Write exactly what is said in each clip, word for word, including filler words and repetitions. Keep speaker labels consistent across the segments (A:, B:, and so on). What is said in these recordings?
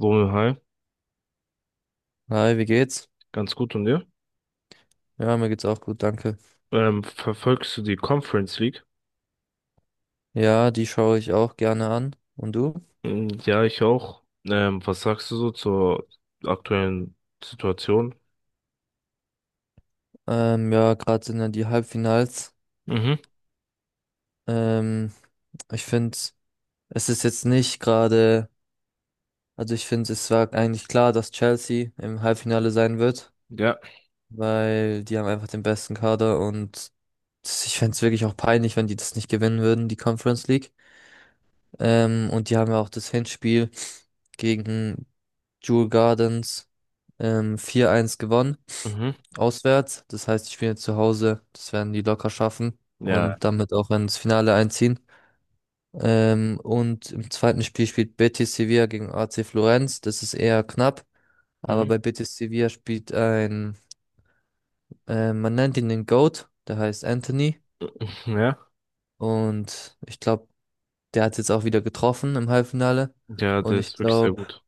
A: Romeo, hi,
B: Hi, wie geht's?
A: ganz gut und dir?
B: Ja, mir geht's auch gut, danke.
A: Ähm, verfolgst du die Conference League?
B: Ja, die schaue ich auch gerne an. Und du?
A: Mm, Ja, ich auch. Ähm, was sagst du so zur aktuellen Situation?
B: Ähm, ja, Gerade sind ja die Halbfinals.
A: Mhm.
B: Ähm, Ich finde, es ist jetzt nicht gerade, also ich finde, es war eigentlich klar, dass Chelsea im Halbfinale sein wird,
A: Ja.
B: weil die haben einfach den besten Kader und ich fände es wirklich auch peinlich, wenn die das nicht gewinnen würden, die Conference League. Ähm, und die haben ja auch das Hinspiel gegen Jewel Gardens ähm, vier eins gewonnen.
A: Mhm.
B: Auswärts. Das heißt, ich spiele zu Hause. Das werden die locker schaffen
A: Ja.
B: und damit auch ins Finale einziehen. Ähm, und im zweiten Spiel spielt Betis Sevilla gegen A C Florenz. Das ist eher knapp, aber
A: Mhm.
B: bei Betis Sevilla spielt ein, äh, man nennt ihn den GOAT, der heißt Anthony.
A: Ja.
B: Und ich glaube, der hat jetzt auch wieder getroffen im Halbfinale.
A: Ja,
B: Und
A: das
B: ich
A: ist wirklich sehr
B: glaube,
A: gut.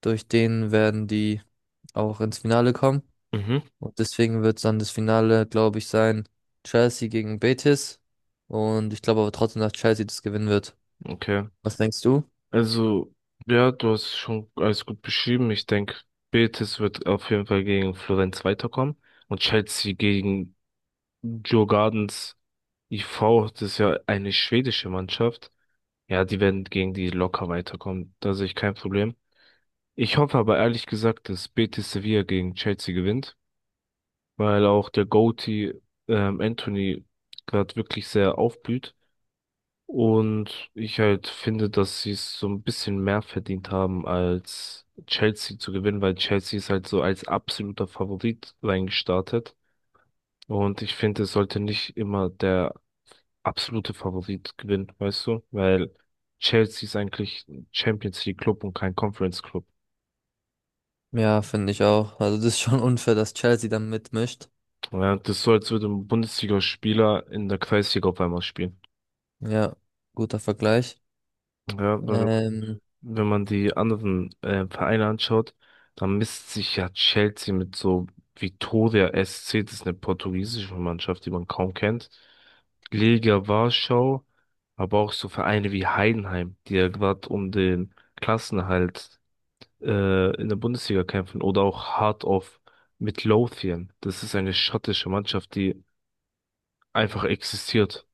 B: durch den werden die auch ins Finale kommen.
A: Mhm.
B: Und deswegen wird es dann das Finale, glaube ich, sein, Chelsea gegen Betis. Und ich glaube aber trotzdem, dass Chelsea das gewinnen wird.
A: Okay.
B: Was denkst du?
A: Also, ja, du hast schon alles gut beschrieben. Ich denke, Betis wird auf jeden Fall gegen Florenz weiterkommen und Chelsea gegen Djurgårdens vier. Das ist ja eine schwedische Mannschaft. Ja, die werden gegen die locker weiterkommen. Da sehe ich kein Problem. Ich hoffe aber ehrlich gesagt, dass Betis Sevilla gegen Chelsea gewinnt, weil auch der Goatee ähm, Anthony gerade wirklich sehr aufblüht. Und ich halt finde, dass sie es so ein bisschen mehr verdient haben, als Chelsea zu gewinnen, weil Chelsea ist halt so als absoluter Favorit reingestartet. Und ich finde, es sollte nicht immer der absolute Favorit gewinnt, weißt du? Weil Chelsea ist eigentlich ein Champions League Club und kein Conference Club.
B: Ja, finde ich auch. Also das ist schon unfair, dass Chelsea dann mitmischt.
A: Ja, das ist so, als würde ein Bundesligaspieler in der Kreisliga auf einmal spielen.
B: Ja, guter Vergleich.
A: Ja, weil
B: Ähm,
A: wenn man die anderen äh, Vereine anschaut, dann misst sich ja Chelsea mit so Vitória S C, das ist eine portugiesische Mannschaft, die man kaum kennt. Legia Warschau, aber auch so Vereine wie Heidenheim, die ja gerade um den Klassenerhalt äh, in der Bundesliga kämpfen oder auch Heart of Midlothian. Das ist eine schottische Mannschaft, die einfach existiert.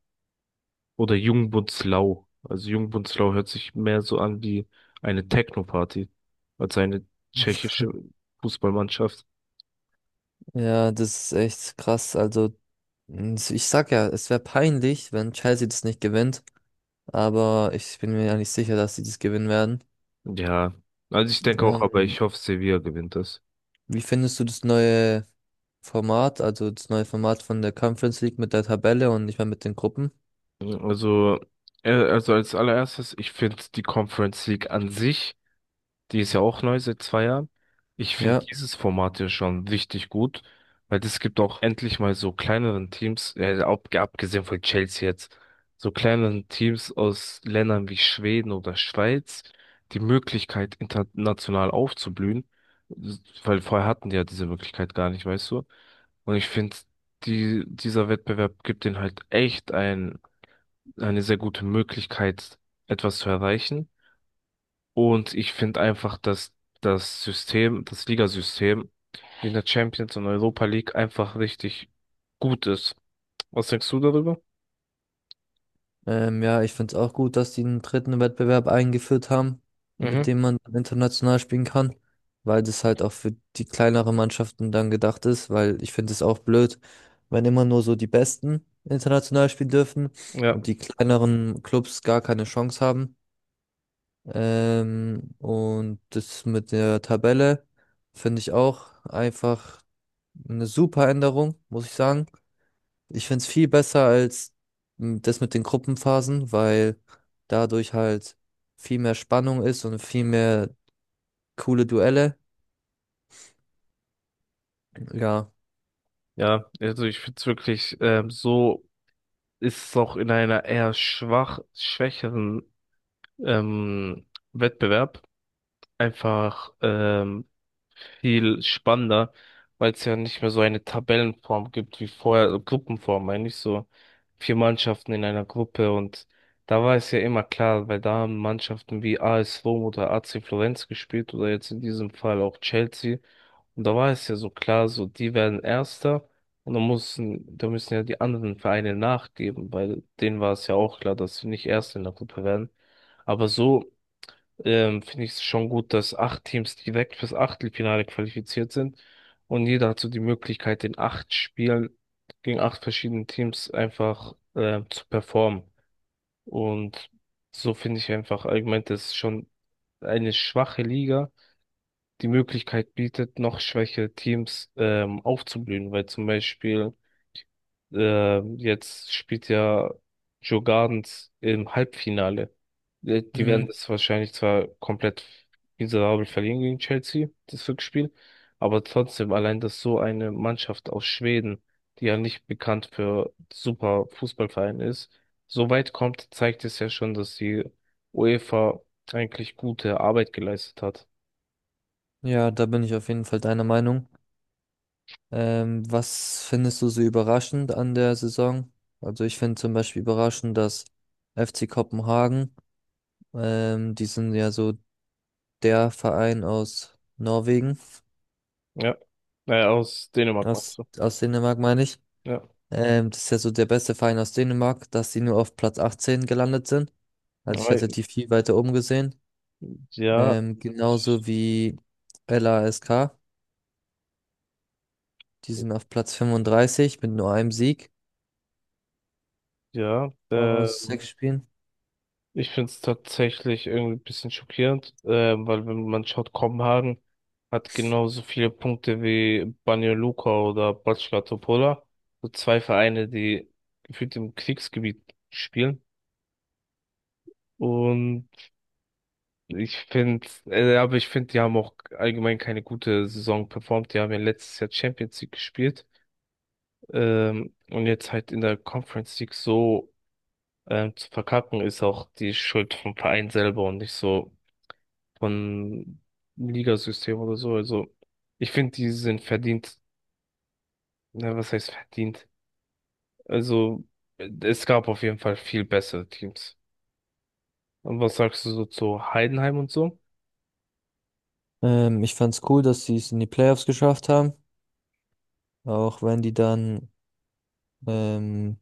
A: Oder Jungbundslau. Also Jungbundslau hört sich mehr so an wie eine Techno-Party als eine tschechische Fußballmannschaft.
B: ja, Das ist echt krass. Also n- ich sag ja, es wäre peinlich, wenn Chelsea das nicht gewinnt. Aber ich bin mir ja nicht sicher, dass sie das gewinnen werden.
A: Ja, also ich denke auch, aber ich
B: Ähm,
A: hoffe, Sevilla gewinnt das.
B: Wie findest du das neue Format, also das neue Format von der Conference League mit der Tabelle und nicht mehr mit den Gruppen?
A: Also, äh, also als allererstes, ich finde die Conference League an sich. Die ist ja auch neu seit zwei Jahren. Ich finde
B: Ja,
A: dieses Format ja schon richtig gut, weil das gibt auch endlich mal so kleineren Teams, äh, ab, abgesehen von Chelsea jetzt, so kleineren Teams aus Ländern wie Schweden oder Schweiz die Möglichkeit, international aufzublühen, weil vorher hatten die ja diese Möglichkeit gar nicht, weißt du? Und ich finde, die, dieser Wettbewerb gibt ihnen halt echt ein, eine sehr gute Möglichkeit, etwas zu erreichen. Und ich finde einfach, dass das System, das Ligasystem in der Champions und Europa League einfach richtig gut ist. Was denkst du darüber?
B: ähm, ja, ich finde es auch gut, dass die einen dritten Wettbewerb eingeführt haben, mit
A: Mhm.
B: dem man international spielen kann, weil das halt auch für die kleineren Mannschaften dann gedacht ist, weil ich finde es auch blöd, wenn immer nur so die Besten international spielen dürfen
A: Ja,
B: und die kleineren Clubs gar keine Chance haben. Ähm, und das mit der Tabelle finde ich auch einfach eine super Änderung, muss ich sagen. Ich finde es viel besser als m, das mit den Gruppenphasen, weil dadurch halt viel mehr Spannung ist und viel mehr coole Duelle. Ja,
A: ja, also ich finde es wirklich, ähm, so ist es auch in einer eher schwach, schwächeren ähm, Wettbewerb einfach ähm, viel spannender, weil es ja nicht mehr so eine Tabellenform gibt wie vorher, also Gruppenform, meine ich so. Vier Mannschaften in einer Gruppe und da war es ja immer klar, weil da haben Mannschaften wie A S Rom oder A C Florenz gespielt oder jetzt in diesem Fall auch Chelsea. Und da war es ja so klar, so die werden Erster und da müssen, da müssen ja die anderen Vereine nachgeben, weil denen war es ja auch klar, dass sie nicht Erste in der Gruppe werden. Aber so ähm, finde ich es schon gut, dass acht Teams direkt fürs Achtelfinale qualifiziert sind und jeder hat so die Möglichkeit, in acht Spielen gegen acht verschiedene Teams einfach ähm, zu performen. Und so finde ich einfach allgemein, dass schon eine schwache Liga die Möglichkeit bietet, noch schwächere Teams ähm, aufzublühen, weil zum Beispiel äh, jetzt spielt ja Joe Gardens im Halbfinale. Äh, Die werden
B: mhm.
A: das wahrscheinlich zwar komplett miserabel verlieren gegen Chelsea, das Rückspiel, aber trotzdem allein, dass so eine Mannschaft aus Schweden, die ja nicht bekannt für super Fußballverein ist, so weit kommt, zeigt es ja schon, dass die UEFA eigentlich gute Arbeit geleistet hat.
B: Ja, da bin ich auf jeden Fall deiner Meinung. Ähm, was findest du so überraschend an der Saison? Also ich finde zum Beispiel überraschend, dass F C Kopenhagen, ähm, die sind ja so der Verein aus Norwegen,
A: Ja, äh, aus Dänemark meinst
B: aus,
A: du?
B: aus Dänemark meine ich.
A: Ja,
B: Ähm, das ist ja so der beste Verein aus Dänemark, dass sie nur auf Platz achtzehn gelandet sind. Also ich
A: ja,
B: hatte die viel weiter oben gesehen.
A: ja.
B: Ähm, genauso wie LASK, die sind auf Platz fünfunddreißig mit nur einem Sieg
A: ja. Äh,
B: aus sechs Spielen.
A: Ich finde es tatsächlich irgendwie ein bisschen schockierend, ähm, weil wenn man schaut, Kopenhagen hat genauso viele Punkte wie Banja Luka oder Bačka Topola. So zwei Vereine, die gefühlt im Kriegsgebiet spielen. Und ich finde, äh, aber ich finde, die haben auch allgemein keine gute Saison performt. Die haben ja letztes Jahr Champions League gespielt. Ähm, und jetzt halt in der Conference League so ähm, zu verkacken, ist auch die Schuld vom Verein selber und nicht so von Ligasystem oder so. Also ich finde, die sind verdient. Na, was heißt verdient? Also es gab auf jeden Fall viel bessere Teams. Und was sagst du so zu Heidenheim und so?
B: Ähm, ich fand's cool, dass sie es in die Playoffs geschafft haben, auch wenn die dann ähm,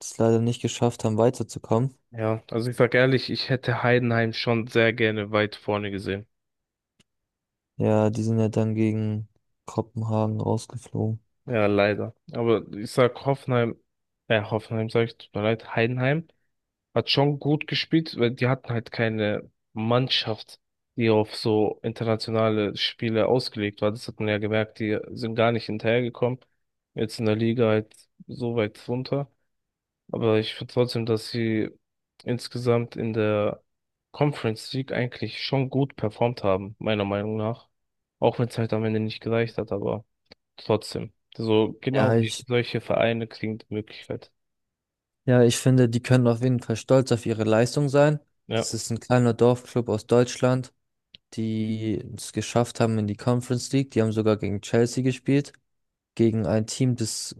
B: es leider nicht geschafft haben, weiterzukommen.
A: Ja, also ich sag ehrlich, ich hätte Heidenheim schon sehr gerne weit vorne gesehen.
B: Ja, die sind ja dann gegen Kopenhagen rausgeflogen.
A: Ja, leider. Aber ich sag Hoffenheim, äh, Hoffenheim sag ich, tut mir leid, Heidenheim hat schon gut gespielt, weil die hatten halt keine Mannschaft, die auf so internationale Spiele ausgelegt war. Das hat man ja gemerkt, die sind gar nicht hinterhergekommen. Jetzt in der Liga halt so weit runter. Aber ich finde trotzdem, dass sie insgesamt in der Conference League eigentlich schon gut performt haben, meiner Meinung nach. Auch wenn es halt am Ende nicht gereicht hat, aber trotzdem. So
B: Ja,
A: genau
B: ich,
A: solche Vereine kriegen die Möglichkeit.
B: ja, ich finde, die können auf jeden Fall stolz auf ihre Leistung sein.
A: Ja,
B: Das ist ein kleiner Dorfclub aus Deutschland, die es geschafft haben in die Conference League. Die haben sogar gegen Chelsea gespielt, gegen ein Team, das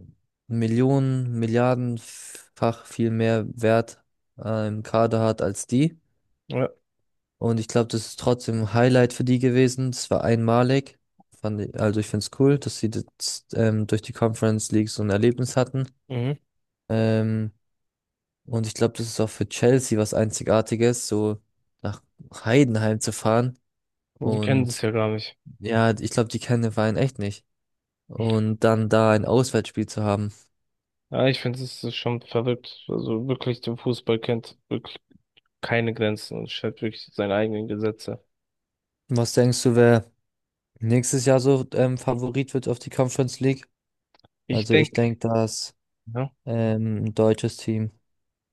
B: Millionen, Milliardenfach viel mehr Wert äh, im Kader hat als die.
A: ja,
B: Und ich glaube, das ist trotzdem ein Highlight für die gewesen. Das war einmalig. Fand ich, also ich finde es cool, dass sie das, ähm, durch die Conference League so ein Erlebnis hatten.
A: mhm.
B: Ähm, Und ich glaube, das ist auch für Chelsea was Einzigartiges, so nach Heidenheim zu fahren.
A: Und die kennen
B: Und
A: das ja gar nicht.
B: ja, ich glaube, die kennen den Verein echt nicht. Und dann da ein Auswärtsspiel zu haben.
A: Ja, ich finde, es ist schon verrückt. Also wirklich, der Fußball kennt wirklich keine Grenzen und stellt wirklich seine eigenen Gesetze.
B: Was denkst du, wer nächstes Jahr so ähm, Favorit wird auf die Conference League?
A: Ich
B: Also ich
A: denke,
B: denke, dass
A: ja,
B: ähm, ein deutsches Team.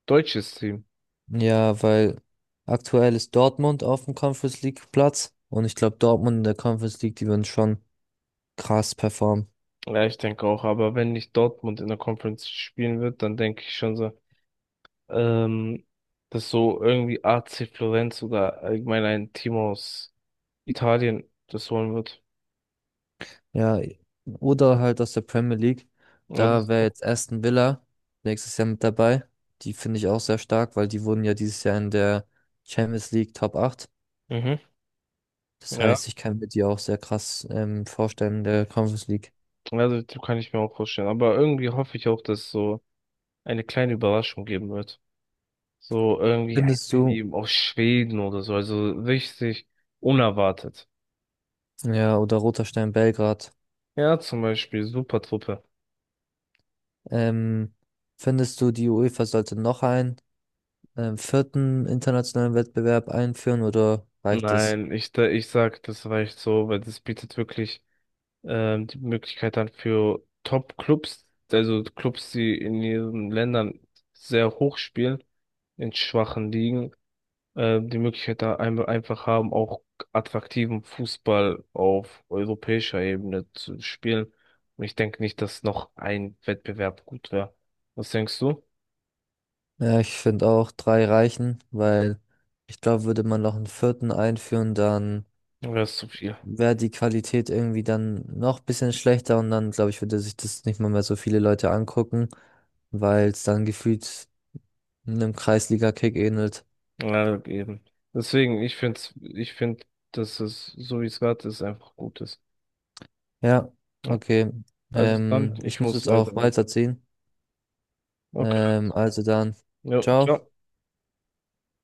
A: deutsches Team.
B: Ja, weil aktuell ist Dortmund auf dem Conference League Platz. Und ich glaube, Dortmund in der Conference League, die würden schon krass performen.
A: Ja, ich denke auch, aber wenn nicht Dortmund in der Conference spielen wird, dann denke ich schon so, ähm, dass so irgendwie A C Florenz oder allgemein ein Team aus Italien das holen wird.
B: Ja, oder halt aus der Premier League.
A: Ja,
B: Da
A: das,
B: wäre jetzt Aston Villa nächstes Jahr mit dabei. Die finde ich auch sehr stark, weil die wurden ja dieses Jahr in der Champions League Top acht.
A: mhm,
B: Das
A: ja,
B: heißt, ich kann mir die auch sehr krass ähm, vorstellen in der Conference League.
A: also das kann ich mir auch vorstellen. Aber irgendwie hoffe ich auch, dass es so eine kleine Überraschung geben wird. So irgendwie ein
B: Findest du,
A: Team aus Schweden oder so. Also richtig unerwartet.
B: ja, oder Roter Stern Belgrad,
A: Ja, zum Beispiel Supertruppe.
B: ähm, findest du, die UEFA sollte noch einen ähm, vierten internationalen Wettbewerb einführen oder reicht es?
A: Nein, ich, da- ich sag, das reicht so, weil das bietet wirklich ähm, die Möglichkeit dann für Top-Clubs, also Clubs, die in ihren Ländern sehr hoch spielen, in schwachen Ligen. Äh, die Möglichkeit da ein einfach haben, auch attraktiven Fußball auf europäischer Ebene zu spielen. Und ich denke nicht, dass noch ein Wettbewerb gut wäre. Was denkst du?
B: Ja, ich finde auch drei reichen, weil ich glaube, würde man noch einen vierten einführen, dann
A: Wäre es zu viel?
B: wäre die Qualität irgendwie dann noch ein bisschen schlechter und dann, glaube ich, würde sich das nicht mal mehr so viele Leute angucken, weil es dann gefühlt einem Kreisliga-Kick ähnelt.
A: Ja, eben. Deswegen, ich finde, ich finde, dass es, so wie es gerade ist, einfach gut ist.
B: Ja,
A: Ja.
B: okay.
A: Also dann,
B: Ähm, ich
A: ich
B: muss
A: muss
B: jetzt
A: leider
B: auch
A: mit.
B: weiterziehen.
A: Okay.
B: Ähm, also dann,
A: Ja,
B: ciao.
A: ciao.